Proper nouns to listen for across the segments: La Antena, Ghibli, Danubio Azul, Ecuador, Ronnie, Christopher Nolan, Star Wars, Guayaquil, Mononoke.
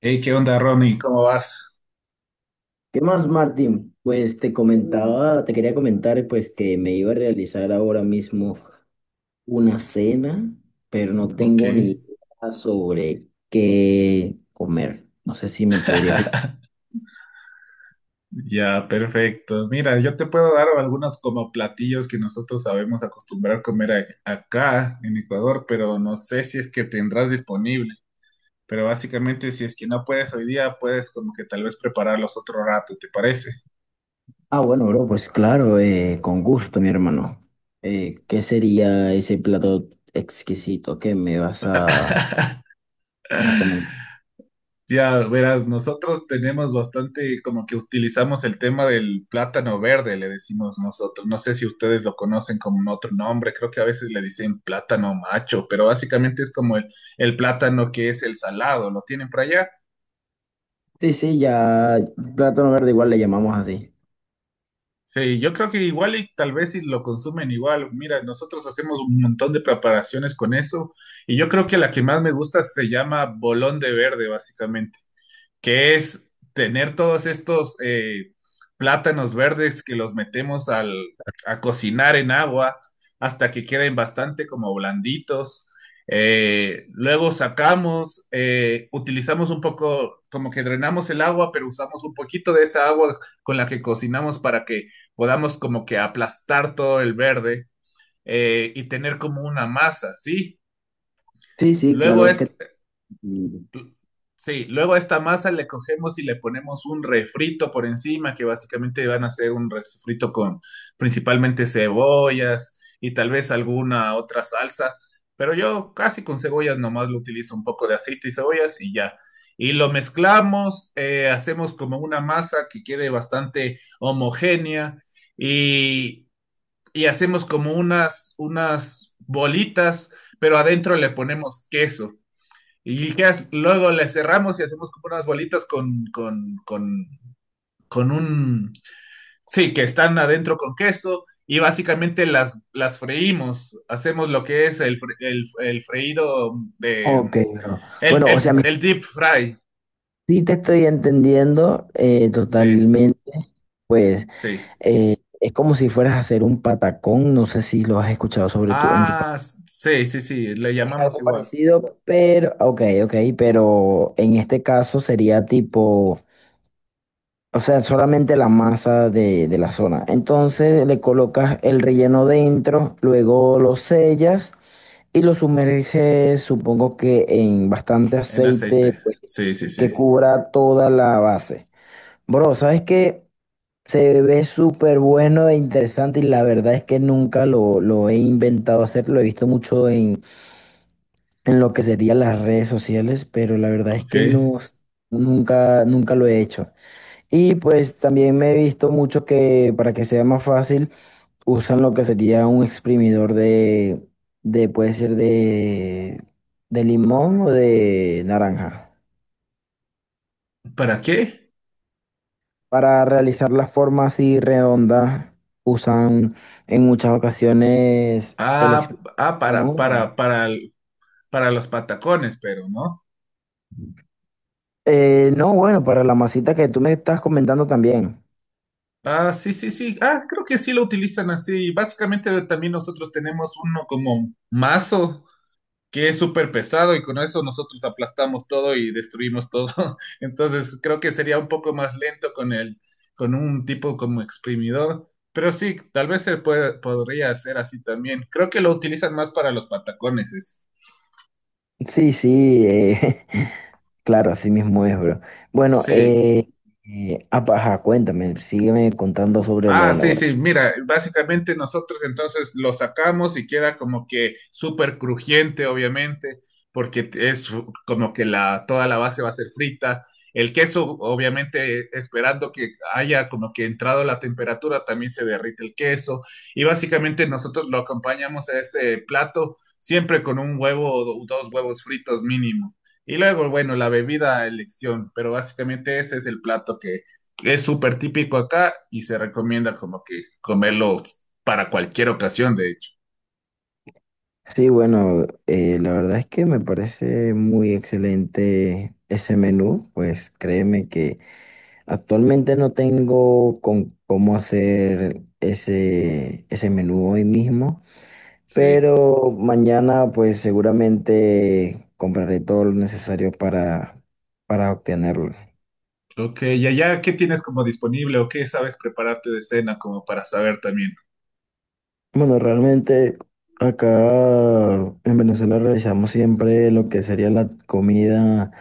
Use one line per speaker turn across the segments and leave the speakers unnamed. Hey, ¿qué onda, Ronnie? ¿Cómo vas?
¿Qué más, Martín? Pues te comentaba, te quería comentar pues que me iba a realizar ahora mismo una cena, pero no
Ok,
tengo ni idea sobre qué comer. No sé si me podrías ayudar.
ya, perfecto. Mira, yo te puedo dar algunos como platillos que nosotros sabemos acostumbrar a comer acá en Ecuador, pero no sé si es que tendrás disponible. Pero básicamente, si es que no puedes hoy día, puedes como que tal vez prepararlos otro rato, ¿te parece?
Ah, bueno, bro, pues claro, con gusto, mi hermano. ¿Qué sería ese plato exquisito que me vas a recomendar?
Ya verás, nosotros tenemos bastante como que utilizamos el tema del plátano verde, le decimos nosotros. No sé si ustedes lo conocen como un otro nombre, creo que a veces le dicen plátano macho, pero básicamente es como el plátano que es el salado, ¿lo tienen por allá?
Sí, sí, ya, plátano verde igual le llamamos así.
Sí, yo creo que igual y tal vez si lo consumen igual. Mira, nosotros hacemos un montón de preparaciones con eso y yo creo que la que más me gusta se llama bolón de verde, básicamente. Que es tener todos estos plátanos verdes que los metemos a cocinar en agua hasta que queden bastante como blanditos. Luego sacamos, utilizamos un poco, como que drenamos el agua, pero usamos un poquito de esa agua con la que cocinamos para que podamos como que aplastar todo el verde y tener como una masa, ¿sí?
Sí, sí,
Luego
claro
es,
que...
Sí, luego a esta masa le cogemos y le ponemos un refrito por encima, que básicamente van a ser un refrito con principalmente cebollas y tal vez alguna otra salsa, pero yo casi con cebollas nomás lo utilizo un poco de aceite y cebollas y ya. Y lo mezclamos, hacemos como una masa que quede bastante homogénea y, y hacemos como unas bolitas, pero adentro le ponemos queso. Y ¿qué Luego le cerramos y hacemos como unas bolitas con un... Sí, que están adentro con queso y básicamente las freímos. Hacemos lo que es el freído de...
Ok, bro. Bueno, o sea, me
El deep fry.
Sí, te estoy entendiendo
Sí,
totalmente. Pues
sí.
es como si fueras a hacer un patacón. No sé si lo has escuchado sobre en tu país.
Ah, sí, sí, sí. Le
Es
llamamos
algo
igual
parecido, pero, ok, ok, pero en este caso sería tipo, o sea, solamente la masa de la zona. Entonces le colocas el relleno dentro, luego lo sellas y lo sumerges, supongo que en bastante
en
aceite,
aceite.
pues,
Sí, sí,
que
sí.
cubra toda la base. Bro, ¿sabes qué? Se ve súper bueno e interesante y la verdad es que nunca lo he inventado hacer, lo he visto mucho en lo que serían las redes sociales, pero la verdad es
Ok.
que nunca, nunca lo he hecho. Y pues también me he visto mucho que para que sea más fácil usan lo que sería un exprimidor de puede ser de limón o de naranja.
¿Para qué?
Para realizar las formas así redondas, usan en muchas ocasiones
Ah, ah
molde.
para los patacones, pero, ¿no?
No, bueno, para la masita que tú me estás comentando también.
Ah, sí, sí, sí. Ah, creo que sí lo utilizan así. Básicamente también nosotros tenemos uno como mazo que es súper pesado y con eso nosotros aplastamos todo y destruimos todo. Entonces creo que sería un poco más lento con con un tipo como exprimidor. Pero sí, tal vez se puede, podría hacer así también. Creo que lo utilizan más para los patacones.
Sí, sí, claro, así mismo es, bro. Bueno,
Sí.
ajá, cuéntame, sígueme contando sobre la
Ah, sí,
elaboración.
sí, mira, básicamente nosotros entonces lo sacamos y queda como que súper crujiente, obviamente, porque es como que toda la base va a ser frita. El queso, obviamente, esperando que haya como que entrado la temperatura, también se derrite el queso. Y básicamente nosotros lo acompañamos a ese plato siempre con un huevo o dos huevos fritos mínimo. Y luego, bueno, la bebida a elección, pero básicamente ese es el plato, es súper típico acá y se recomienda como que comerlo para cualquier ocasión, de hecho.
Sí, bueno, la verdad es que me parece muy excelente ese menú, pues créeme que actualmente no tengo con cómo hacer ese menú hoy mismo,
Sí.
pero mañana pues seguramente compraré todo lo necesario para obtenerlo.
Ok, y allá, ¿qué tienes como disponible o qué sabes prepararte de cena como para saber también?
Bueno, realmente acá en Venezuela realizamos siempre lo que sería la comida,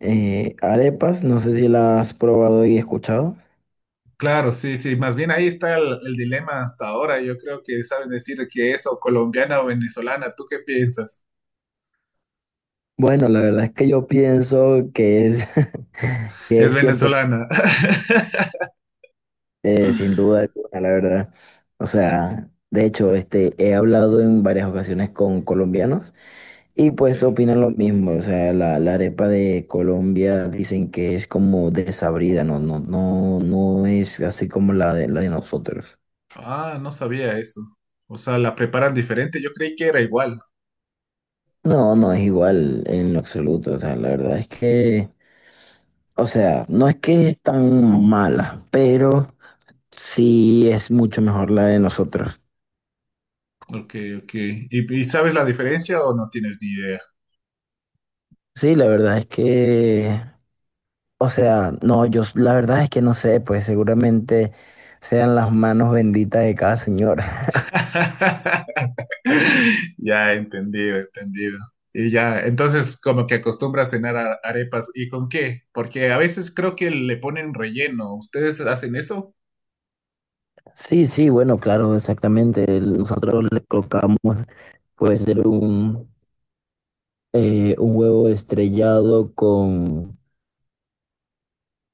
arepas. No sé si la has probado y escuchado.
Claro, sí, sí, más bien ahí está el dilema hasta ahora. Yo creo que sabes decir que es o colombiana o venezolana. ¿Tú qué piensas?
Bueno, la verdad es que yo pienso que es, que
Es
es 100%.
venezolana.
Sin duda alguna, la verdad. O sea, de hecho, este, he hablado en varias ocasiones con colombianos y pues
Sí.
opinan lo mismo. O sea, la arepa de Colombia dicen que es como desabrida, no, no, no, no es así como la de nosotros.
Ah, no sabía eso. O sea, la preparan diferente. Yo creí que era igual.
No, no es igual en lo absoluto. O sea, la verdad es que, o sea, no es que es tan mala, pero sí es mucho mejor la de nosotros.
Ok, ok. Y sabes la diferencia o no tienes ni idea?
Sí, la verdad es que, o sea, no, yo s- la verdad es que no sé, pues seguramente sean las manos benditas de cada señora.
Ya, entendido, entendido. Y ya, entonces como que acostumbra a cenar arepas. ¿Y con qué? Porque a veces creo que le ponen relleno. ¿Ustedes hacen eso?
Sí, sí, bueno, claro, exactamente. Nosotros le colocamos, puede ser un huevo estrellado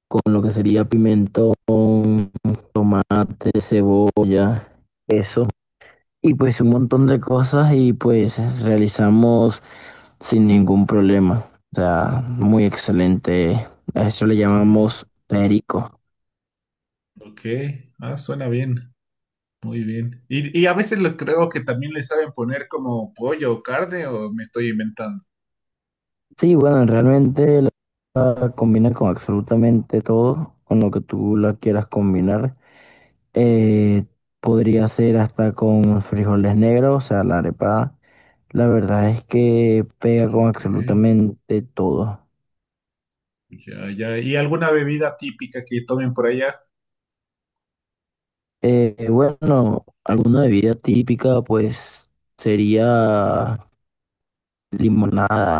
con lo que sería pimentón, tomate, cebolla, eso. Y pues un montón de cosas y pues realizamos sin ningún problema. O sea, muy excelente. A eso le
Ok,
llamamos perico.
ok. Ah, suena bien. Muy bien. Y a veces lo creo que también le saben poner como pollo o carne o me estoy inventando.
Sí, bueno, realmente la combina con absolutamente todo, con lo que tú la quieras combinar. Eh, podría ser hasta con frijoles negros, o sea, la arepa. La verdad es que pega con
Ok,
absolutamente todo.
ya, ya. ¿Y alguna bebida típica que tomen por allá?
Bueno, alguna bebida típica pues sería limonada.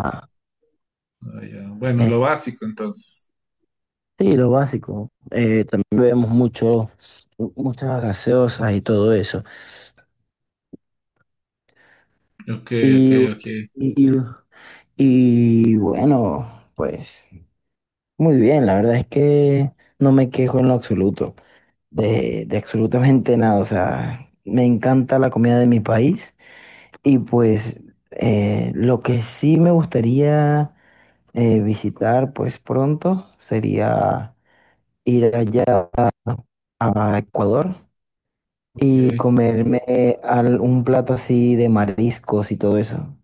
Ah, ya. Bueno,
Eh,
lo básico entonces.
sí, lo básico. También vemos mucho, muchas gaseosas y todo eso.
Ok, ok,
Y,
ok,
y, y- bueno, pues muy bien, la verdad es que no me quejo en lo absoluto, de absolutamente nada. O sea, me encanta la comida de mi país y pues lo que sí me gustaría... visitar, pues pronto sería ir allá a Ecuador y
ok.
un plato así de mariscos y todo eso.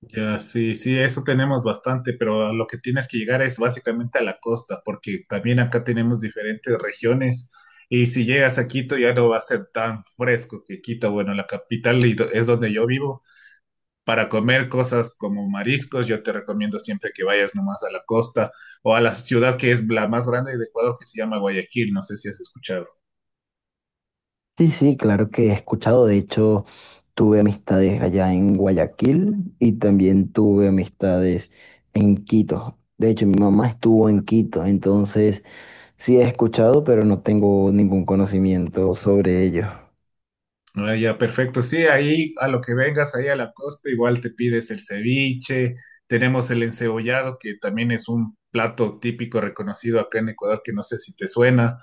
Ya, sí, sí, eso tenemos bastante, pero a lo que tienes que llegar es básicamente a la costa, porque también acá tenemos diferentes regiones y si llegas a Quito ya no va a ser tan fresco que Quito, bueno, la capital y es donde yo vivo. Para comer cosas como mariscos, yo te recomiendo siempre que vayas nomás a la costa o a la ciudad que es la más grande de Ecuador, que se llama Guayaquil, no sé si has escuchado.
Sí, sí, claro que he escuchado. De hecho, tuve amistades allá en Guayaquil y también tuve amistades en Quito. De hecho, mi mamá estuvo en Quito, entonces sí he escuchado, pero no tengo ningún conocimiento sobre ello.
Ah, ya, perfecto. Sí, ahí a lo que vengas, ahí a la costa, igual te pides el ceviche, tenemos el encebollado, que también es un plato típico reconocido acá en Ecuador, que no sé si te suena,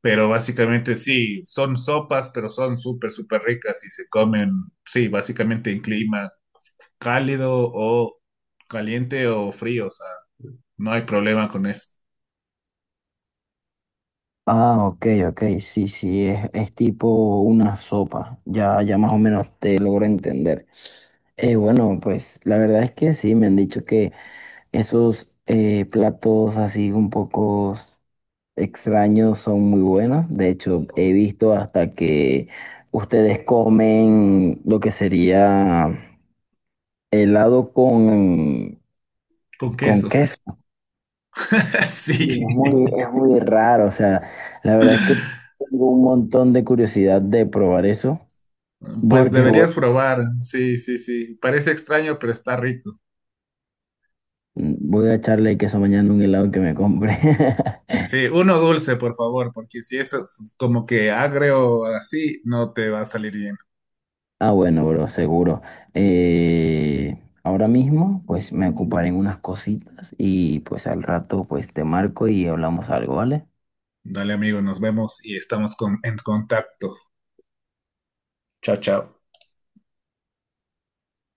pero básicamente sí, son sopas, pero son súper, súper ricas y se comen, sí, básicamente en clima cálido o caliente o frío, o sea, no hay problema con eso.
Ah, ok, ok, sí, sí, es tipo una sopa, ya, ya más o menos te logro entender. Bueno, pues la verdad es que sí, me han dicho que esos platos así un poco extraños son muy buenos. De hecho, he visto hasta que ustedes comen lo que sería helado
Con
con
queso.
queso.
Sí.
Es muy raro, o sea, la verdad es que tengo un montón de curiosidad de probar eso,
Pues
porque voy,
deberías probar. Sí, sí, sí. Parece extraño, pero está rico.
voy a echarle queso mañana a un helado que me compre.
Sí, uno dulce, por favor, porque si eso es como que agrio o así, no te va a salir bien.
Ah, bueno, bro, seguro. Eh, ahora mismo, pues me ocuparé en unas cositas y pues al rato, pues te marco y hablamos algo, ¿vale?
Dale, amigo, nos vemos y estamos en contacto. Chao, chao.